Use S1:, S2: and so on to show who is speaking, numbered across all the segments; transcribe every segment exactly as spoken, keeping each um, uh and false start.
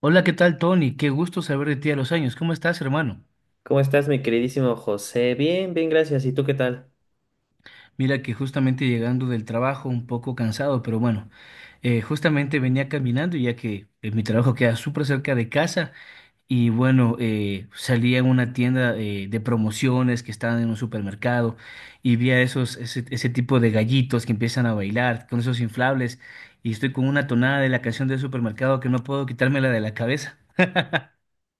S1: Hola, ¿qué tal, Tony? Qué gusto saber de ti a los años. ¿Cómo estás, hermano?
S2: ¿Cómo estás, mi queridísimo José? Bien, bien, gracias. ¿Y tú qué tal?
S1: Mira que justamente llegando del trabajo, un poco cansado, pero bueno, eh, justamente venía caminando ya que eh, mi trabajo queda súper cerca de casa y bueno, eh, salí a una tienda eh, de promociones que estaban en un supermercado y vi a esos, ese, ese tipo de gallitos que empiezan a bailar con esos inflables y estoy con una tonada de la canción del supermercado que no puedo quitármela de la cabeza.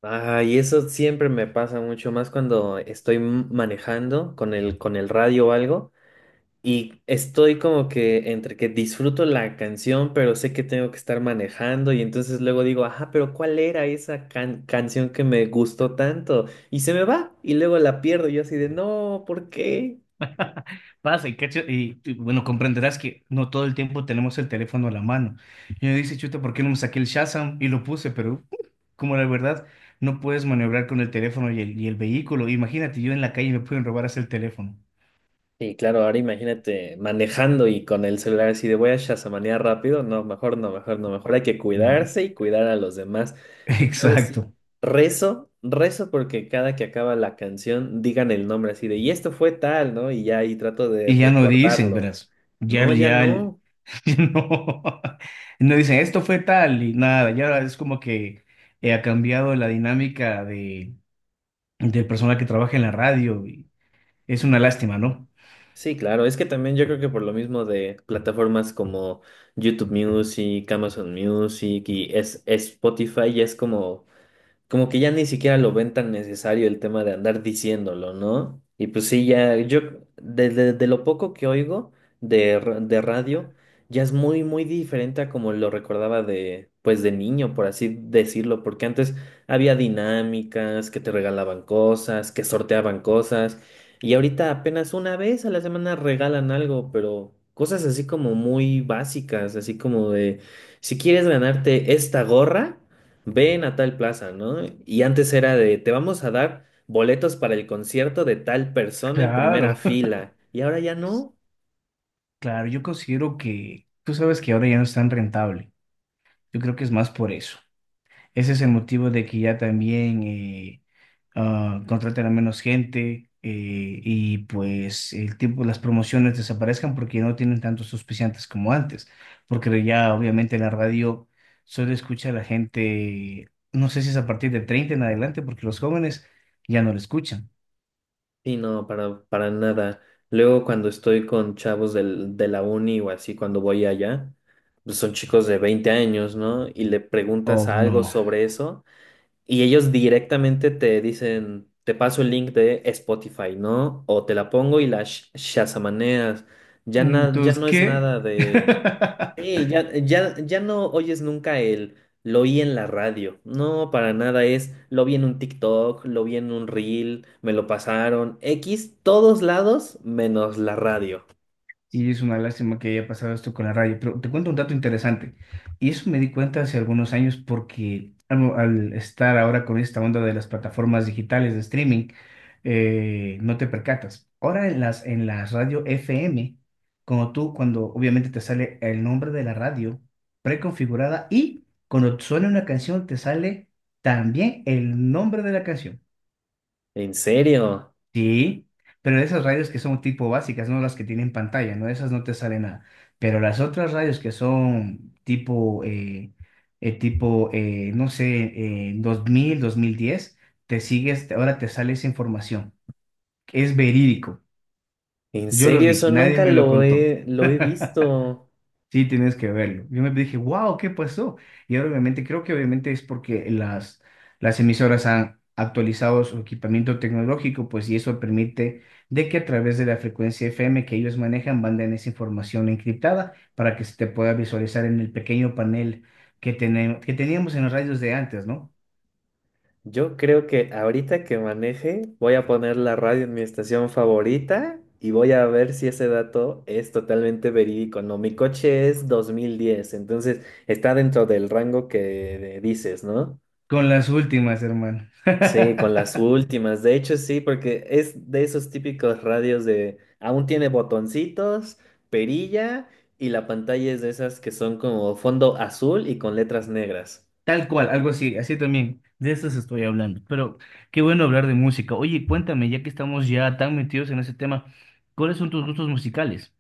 S2: Ay, eso siempre me pasa mucho más cuando estoy m- manejando con el, con el radio o algo y estoy como que entre que disfruto la canción, pero sé que tengo que estar manejando y entonces luego digo, ajá, pero ¿cuál era esa can- canción que me gustó tanto? Y se me va y luego la pierdo y yo así de, no, ¿por qué?
S1: Pasa y, cacho- y, y, bueno, comprenderás que no todo el tiempo tenemos el teléfono a la mano. Y me dice, chuta, ¿por qué no me saqué el Shazam? Y lo puse, pero uh, como la verdad, no puedes maniobrar con el teléfono y el, y el vehículo. Imagínate, yo en la calle me pueden robar hasta el teléfono.
S2: Sí, claro, ahora imagínate manejando y con el celular así de voy a shazamanear rápido. No, mejor no, mejor no, mejor hay que
S1: Mm.
S2: cuidarse y cuidar a los demás. Pero luego sí,
S1: Exacto.
S2: rezo, rezo porque cada que acaba la canción digan el nombre así de y esto fue tal, ¿no? Y ya ahí trato de
S1: Y ya no dicen,
S2: recordarlo.
S1: verás. Ya,
S2: No, ya
S1: ya, el-
S2: no.
S1: ya no, no dicen, esto fue tal y nada. Ya es como que eh, ha cambiado la dinámica de, del personal que trabaja en la radio. Y es una lástima, ¿no?
S2: Sí, claro, es que también yo creo que por lo mismo de plataformas como YouTube Music, Amazon Music y es, es Spotify, ya es como. Como que ya ni siquiera lo ven tan necesario el tema de andar diciéndolo, ¿no? Y pues sí, ya yo, de, de- de lo poco que oigo de, ra- de radio, ya es muy, muy diferente a como lo recordaba de, pues de niño, por así decirlo, porque antes había dinámicas, que te regalaban cosas, que sorteaban cosas, y ahorita apenas una vez a la semana regalan algo, pero cosas así como muy básicas, así como de, si quieres ganarte esta gorra, ven a tal plaza, ¿no? Y antes era de, te vamos a dar boletos para el concierto de tal persona en primera
S1: Claro.
S2: fila. Y ahora ya no.
S1: Claro, yo considero que tú sabes que ahora ya no es tan rentable. Yo creo que es más por eso. Ese es el motivo de que ya también eh, ah, contraten a menos gente, eh, y pues el tiempo, las promociones desaparezcan porque no tienen tantos auspiciantes como antes. Porque ya obviamente en la radio solo escucha a la gente, no sé si es a partir de treinta en adelante, porque los jóvenes ya no lo escuchan.
S2: Y no, para, para nada. Luego cuando estoy con chavos del, de la uni o así, cuando voy allá, pues son chicos de veinte años, ¿no? Y le preguntas
S1: Oh,
S2: algo
S1: no.
S2: sobre eso y ellos directamente te dicen, te paso el link de Spotify, ¿no? O te la pongo y la sh- shazamaneas. Ya, na- ya
S1: Entonces,
S2: no es
S1: ¿qué?
S2: nada de... Sí, ya, ya, ya no oyes nunca el lo oí en la radio. No, para nada es lo vi en un TikTok, lo vi en un reel, me lo pasaron. X, todos lados menos la radio.
S1: Y es una lástima que haya pasado esto con la radio, pero te cuento un dato interesante. Y eso me di cuenta hace algunos años porque al, al estar ahora con esta onda de las plataformas digitales de streaming, eh, no te percatas. Ahora en las, en las radio F M, como tú, cuando obviamente te sale el nombre de la radio preconfigurada y cuando suena una canción te sale también el nombre de la canción.
S2: ¿En serio?
S1: Sí, pero de esas radios que son tipo básicas, no las que tienen pantalla, no, esas no te sale nada. Pero las otras radios que son tipo, eh, eh, tipo, eh, no sé, eh, dos mil dos mil diez te sigues, ahora te sale esa información. Es verídico.
S2: ¿En
S1: Yo lo
S2: serio?
S1: vi,
S2: Eso
S1: nadie
S2: nunca
S1: me lo
S2: lo
S1: contó.
S2: he, lo he visto.
S1: Sí, tienes que verlo. Yo me dije, wow, ¿qué pasó? Y ahora obviamente creo que obviamente es porque las, las emisoras han actualizado su equipamiento tecnológico, pues y eso permite de que a través de la frecuencia F M que ellos manejan, manden esa información encriptada para que se te pueda visualizar en el pequeño panel que, tenemos, que teníamos en los radios de antes, ¿no?
S2: Yo creo que ahorita que maneje, voy a poner la radio en mi estación favorita y voy a ver si ese dato es totalmente verídico. No, mi coche es dos mil diez, entonces está dentro del rango que dices, ¿no?
S1: Con las últimas, hermano.
S2: Sí, con las últimas. De hecho, sí, porque es de esos típicos radios de aún tiene botoncitos, perilla y la pantalla es de esas que son como fondo azul y con letras negras.
S1: Tal cual, algo así, así también. De eso se estoy hablando. Pero qué bueno hablar de música. Oye, cuéntame, ya que estamos ya tan metidos en ese tema, ¿cuáles son tus gustos musicales?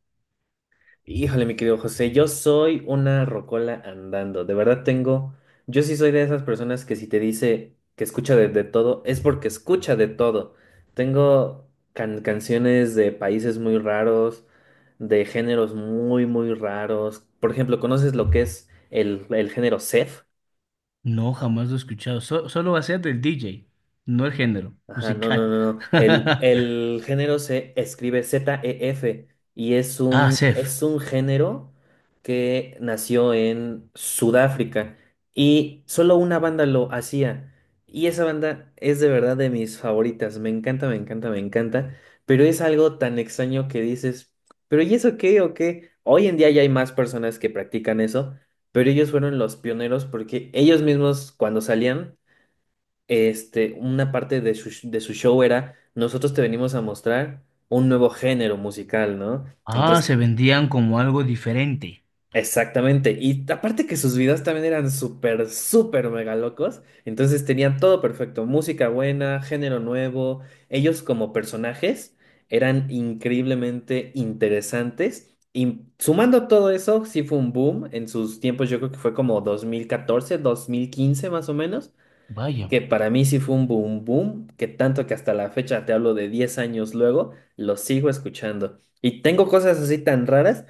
S2: Híjole, mi querido José, yo soy una rocola andando. De verdad tengo, yo sí soy de esas personas que si te dice que escucha de, de todo, es porque escucha de todo. Tengo can- canciones de países muy raros, de géneros muy, muy raros. Por ejemplo, ¿conoces lo que es el, el género Seth?
S1: No, jamás lo he escuchado. So- solo va a ser del D J, no el género
S2: Ajá, no, no,
S1: musical.
S2: no, no. El, el género se escribe Z-E-F y es
S1: Ah,
S2: un,
S1: Sef.
S2: es un género que nació en Sudáfrica y solo una banda lo hacía. Y esa banda es de verdad de mis favoritas. Me encanta, me encanta, me encanta. Pero es algo tan extraño que dices, ¿pero y eso qué o qué? Hoy en día ya hay más personas que practican eso, pero ellos fueron los pioneros porque ellos mismos cuando salían este, una parte de su, de su show era, nosotros te venimos a mostrar un nuevo género musical, ¿no?
S1: Ah,
S2: Entonces,
S1: se vendían como algo diferente.
S2: exactamente. Y aparte que sus videos también eran súper, súper mega locos. Entonces tenían todo perfecto, música buena, género nuevo. Ellos como personajes eran increíblemente interesantes. Y sumando todo eso, sí fue un boom en sus tiempos, yo creo que fue como dos mil catorce, dos mil quince más o menos,
S1: Vaya,
S2: que para mí sí fue un boom boom, que tanto que hasta la fecha, te hablo de diez años luego, lo sigo escuchando. Y tengo cosas así tan raras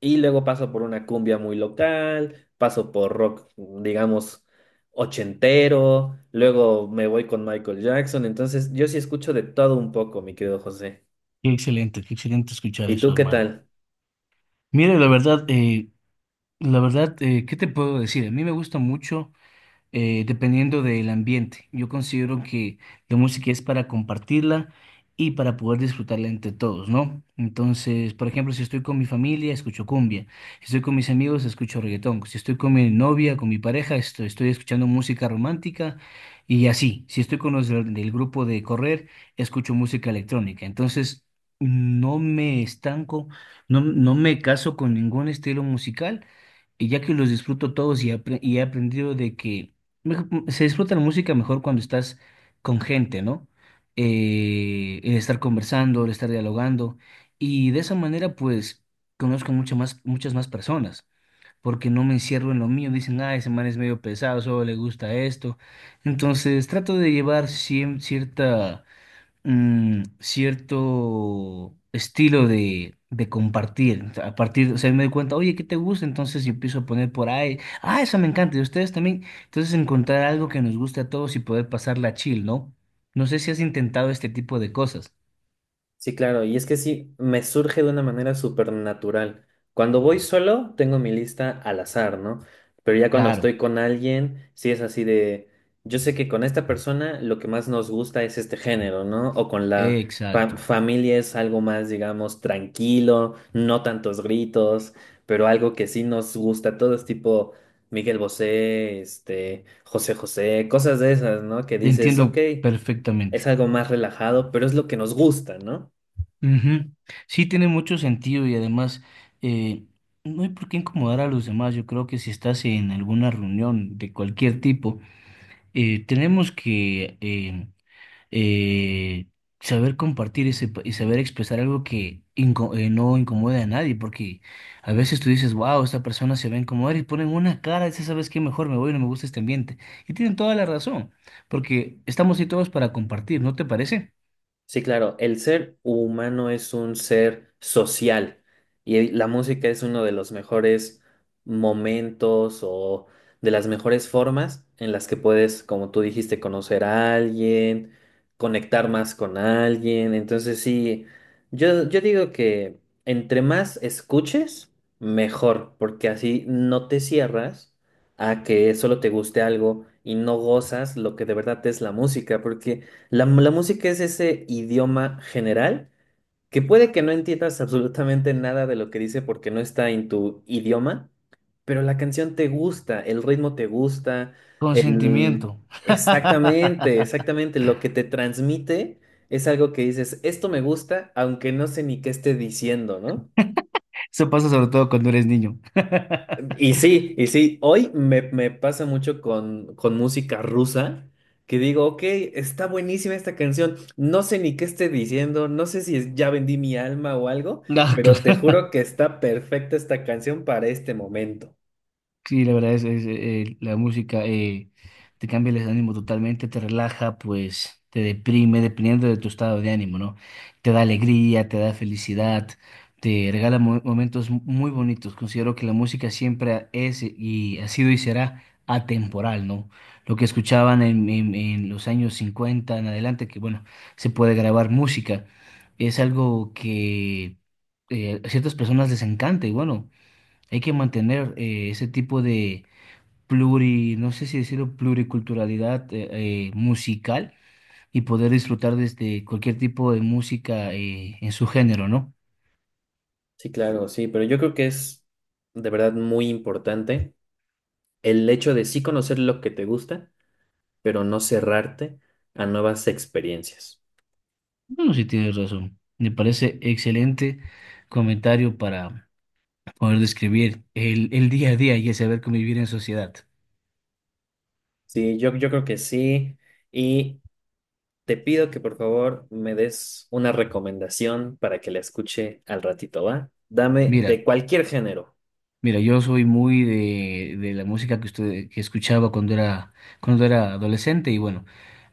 S2: y luego paso por una cumbia muy local, paso por rock, digamos, ochentero, luego me voy con Michael Jackson, entonces yo sí escucho de todo un poco, mi querido José.
S1: qué excelente, qué excelente escuchar
S2: ¿Y tú
S1: eso,
S2: qué
S1: hermano.
S2: tal?
S1: Mira, la verdad, eh, la verdad, eh, ¿qué te puedo decir? A mí me gusta mucho. Eh, dependiendo del ambiente. Yo considero que la música es para compartirla y para poder disfrutarla entre todos, ¿no? Entonces, por ejemplo, si estoy con mi familia, escucho cumbia. Si estoy con mis amigos, escucho reggaetón. Si estoy con mi novia, con mi pareja, esto- estoy, escuchando música romántica y así. Si estoy con los del, del grupo de correr, escucho música electrónica. Entonces, no me estanco, no, no me caso con ningún estilo musical y ya que los disfruto todos, y, apre- y he aprendido de que mejo- se disfruta la música mejor cuando estás con gente, ¿no? Eh, el estar conversando, el estar dialogando, y de esa manera pues conozco mucho más, muchas más personas porque no me encierro en lo mío, dicen, ah, ese man es medio pesado, solo le gusta esto. Entonces trato de llevar cien- cierta, mm, cierto estilo de, de compartir. O sea, a partir, o sea, me doy cuenta, oye, ¿qué te gusta? Entonces yo empiezo a poner por ahí, ah, eso me encanta, y ustedes también. Entonces encontrar algo que nos guste a todos y poder pasarla chill, ¿no? No sé si has intentado este tipo de cosas.
S2: Sí, claro, y es que sí, me surge de una manera súper natural. Cuando voy solo, tengo mi lista al azar, ¿no? Pero ya cuando
S1: Claro,
S2: estoy con alguien, sí es así de, yo sé que con esta persona lo que más nos gusta es este género, ¿no? O con la fa-
S1: exacto.
S2: familia es algo más, digamos, tranquilo, no tantos gritos, pero algo que sí nos gusta, todo es tipo Miguel Bosé, este, José José, cosas de esas, ¿no? Que dices, ok,
S1: Entiendo
S2: es
S1: perfectamente.
S2: algo más relajado, pero es lo que nos gusta, ¿no?
S1: Ujú. Sí, tiene mucho sentido y además, eh, no hay por qué incomodar a los demás. Yo creo que si estás en alguna reunión de cualquier tipo, eh, tenemos que eh, eh, saber compartir ese pa- y saber expresar algo que inco- eh, no incomode a nadie, porque a veces tú dices, wow, esta persona se ve a incomodar y ponen una cara, dice, ¿sabes qué? Mejor me voy, no me gusta este ambiente. Y tienen toda la razón, porque estamos ahí todos para compartir, ¿no te parece?
S2: Sí, claro, el ser humano es un ser social y la música es uno de los mejores momentos o de las mejores formas en las que puedes, como tú dijiste, conocer a alguien, conectar más con alguien. Entonces, sí, yo, yo digo que entre más escuches, mejor, porque así no te cierras a que solo te guste algo y no gozas lo que de verdad es la música, porque... La, la música es ese idioma general que puede que no entiendas absolutamente nada de lo que dice porque no está en tu idioma, pero la canción te gusta, el ritmo te gusta, el...
S1: Consentimiento.
S2: Exactamente, exactamente, lo que te transmite es algo que dices, esto me gusta, aunque no sé ni qué esté diciendo, ¿no?
S1: Eso pasa sobre todo cuando eres niño.
S2: Y sí, y sí, hoy me, me pasa mucho con, con música rusa, que digo, ok, está buenísima esta canción, no sé ni qué esté diciendo, no sé si es ya vendí mi alma o algo,
S1: No,
S2: pero te
S1: claro.
S2: juro que está perfecta esta canción para este momento.
S1: Sí, la verdad es, es, eh, la música eh, te cambia el ánimo totalmente, te relaja, pues te deprime, dependiendo de tu estado de ánimo, ¿no? Te da alegría, te da felicidad, te regala mo- momentos mu- muy bonitos. Considero que la música siempre es y ha sido y será atemporal, ¿no? Lo que escuchaban en, en- en los años cincuenta en adelante, que bueno, se puede grabar música, es algo que, eh, a ciertas personas les encanta y bueno. Hay que mantener, eh, ese tipo de pluri, no sé si decirlo, pluriculturalidad eh, eh, musical, y poder disfrutar desde cualquier tipo de música, eh, en su género, ¿no?
S2: Sí, claro, sí, pero yo creo que es de verdad muy importante el hecho de sí conocer lo que te gusta, pero no cerrarte a nuevas experiencias.
S1: Bueno, sí tienes razón. Me parece excelente comentario para poder describir el, el día a día y el saber convivir en sociedad.
S2: Sí, yo, yo creo que sí. Te pido que por favor me des una recomendación para que la escuche al ratito, ¿va? Dame de
S1: Mira,
S2: cualquier género.
S1: mira, yo soy muy de, de la música que usted, que escuchaba cuando era, cuando era adolescente y bueno.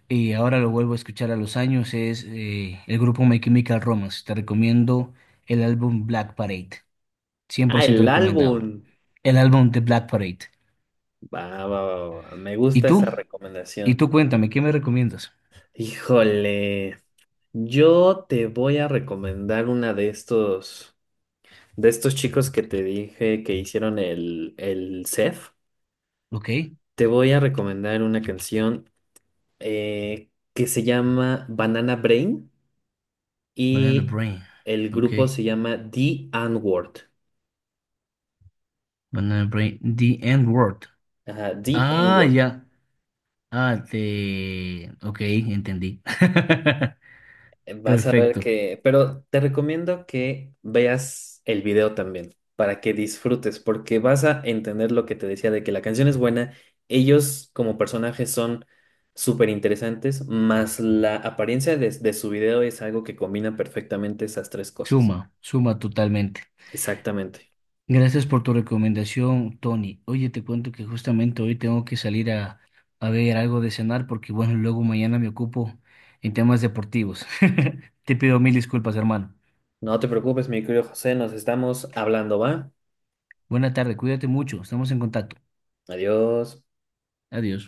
S1: Y ahora lo vuelvo a escuchar a los años, es eh, el grupo My Chemical Romance. Te recomiendo el álbum Black Parade, cien
S2: Ah,
S1: por ciento
S2: el
S1: recomendado.
S2: álbum.
S1: El álbum de Black Parade.
S2: Va, va, va, va. Me
S1: ¿Y
S2: gusta
S1: tú?
S2: esa
S1: ¿Y
S2: recomendación.
S1: tú cuéntame, qué me recomiendas?
S2: Híjole, yo te voy a recomendar una de estos, de estos chicos que te dije que hicieron el, el C E F.
S1: Ok,
S2: Te voy a recomendar una canción eh, que se llama Banana Brain.
S1: Banana
S2: Y
S1: Brain.
S2: el grupo
S1: Ok,
S2: se llama The N-Word.
S1: Banana Brain. The End Word.
S2: Ajá, The
S1: Ah,
S2: N-Word.
S1: ya. Ah, te... Ok, entendí.
S2: Eh, Vas a ver
S1: Perfecto.
S2: que, pero te recomiendo que veas el video también para que disfrutes, porque vas a entender lo que te decía de que la canción es buena. Ellos como personajes son súper interesantes, más la apariencia de, de su video es algo que combina perfectamente esas tres cosas.
S1: Suma, suma totalmente.
S2: Exactamente.
S1: Gracias por tu recomendación, Tony. Oye, te cuento que justamente hoy tengo que salir a, a ver algo de cenar porque, bueno, luego mañana me ocupo en temas deportivos. Te pido mil disculpas, hermano.
S2: No te preocupes, mi querido José, nos estamos hablando, ¿va?
S1: Buena tarde, cuídate mucho, estamos en contacto.
S2: Adiós.
S1: Adiós.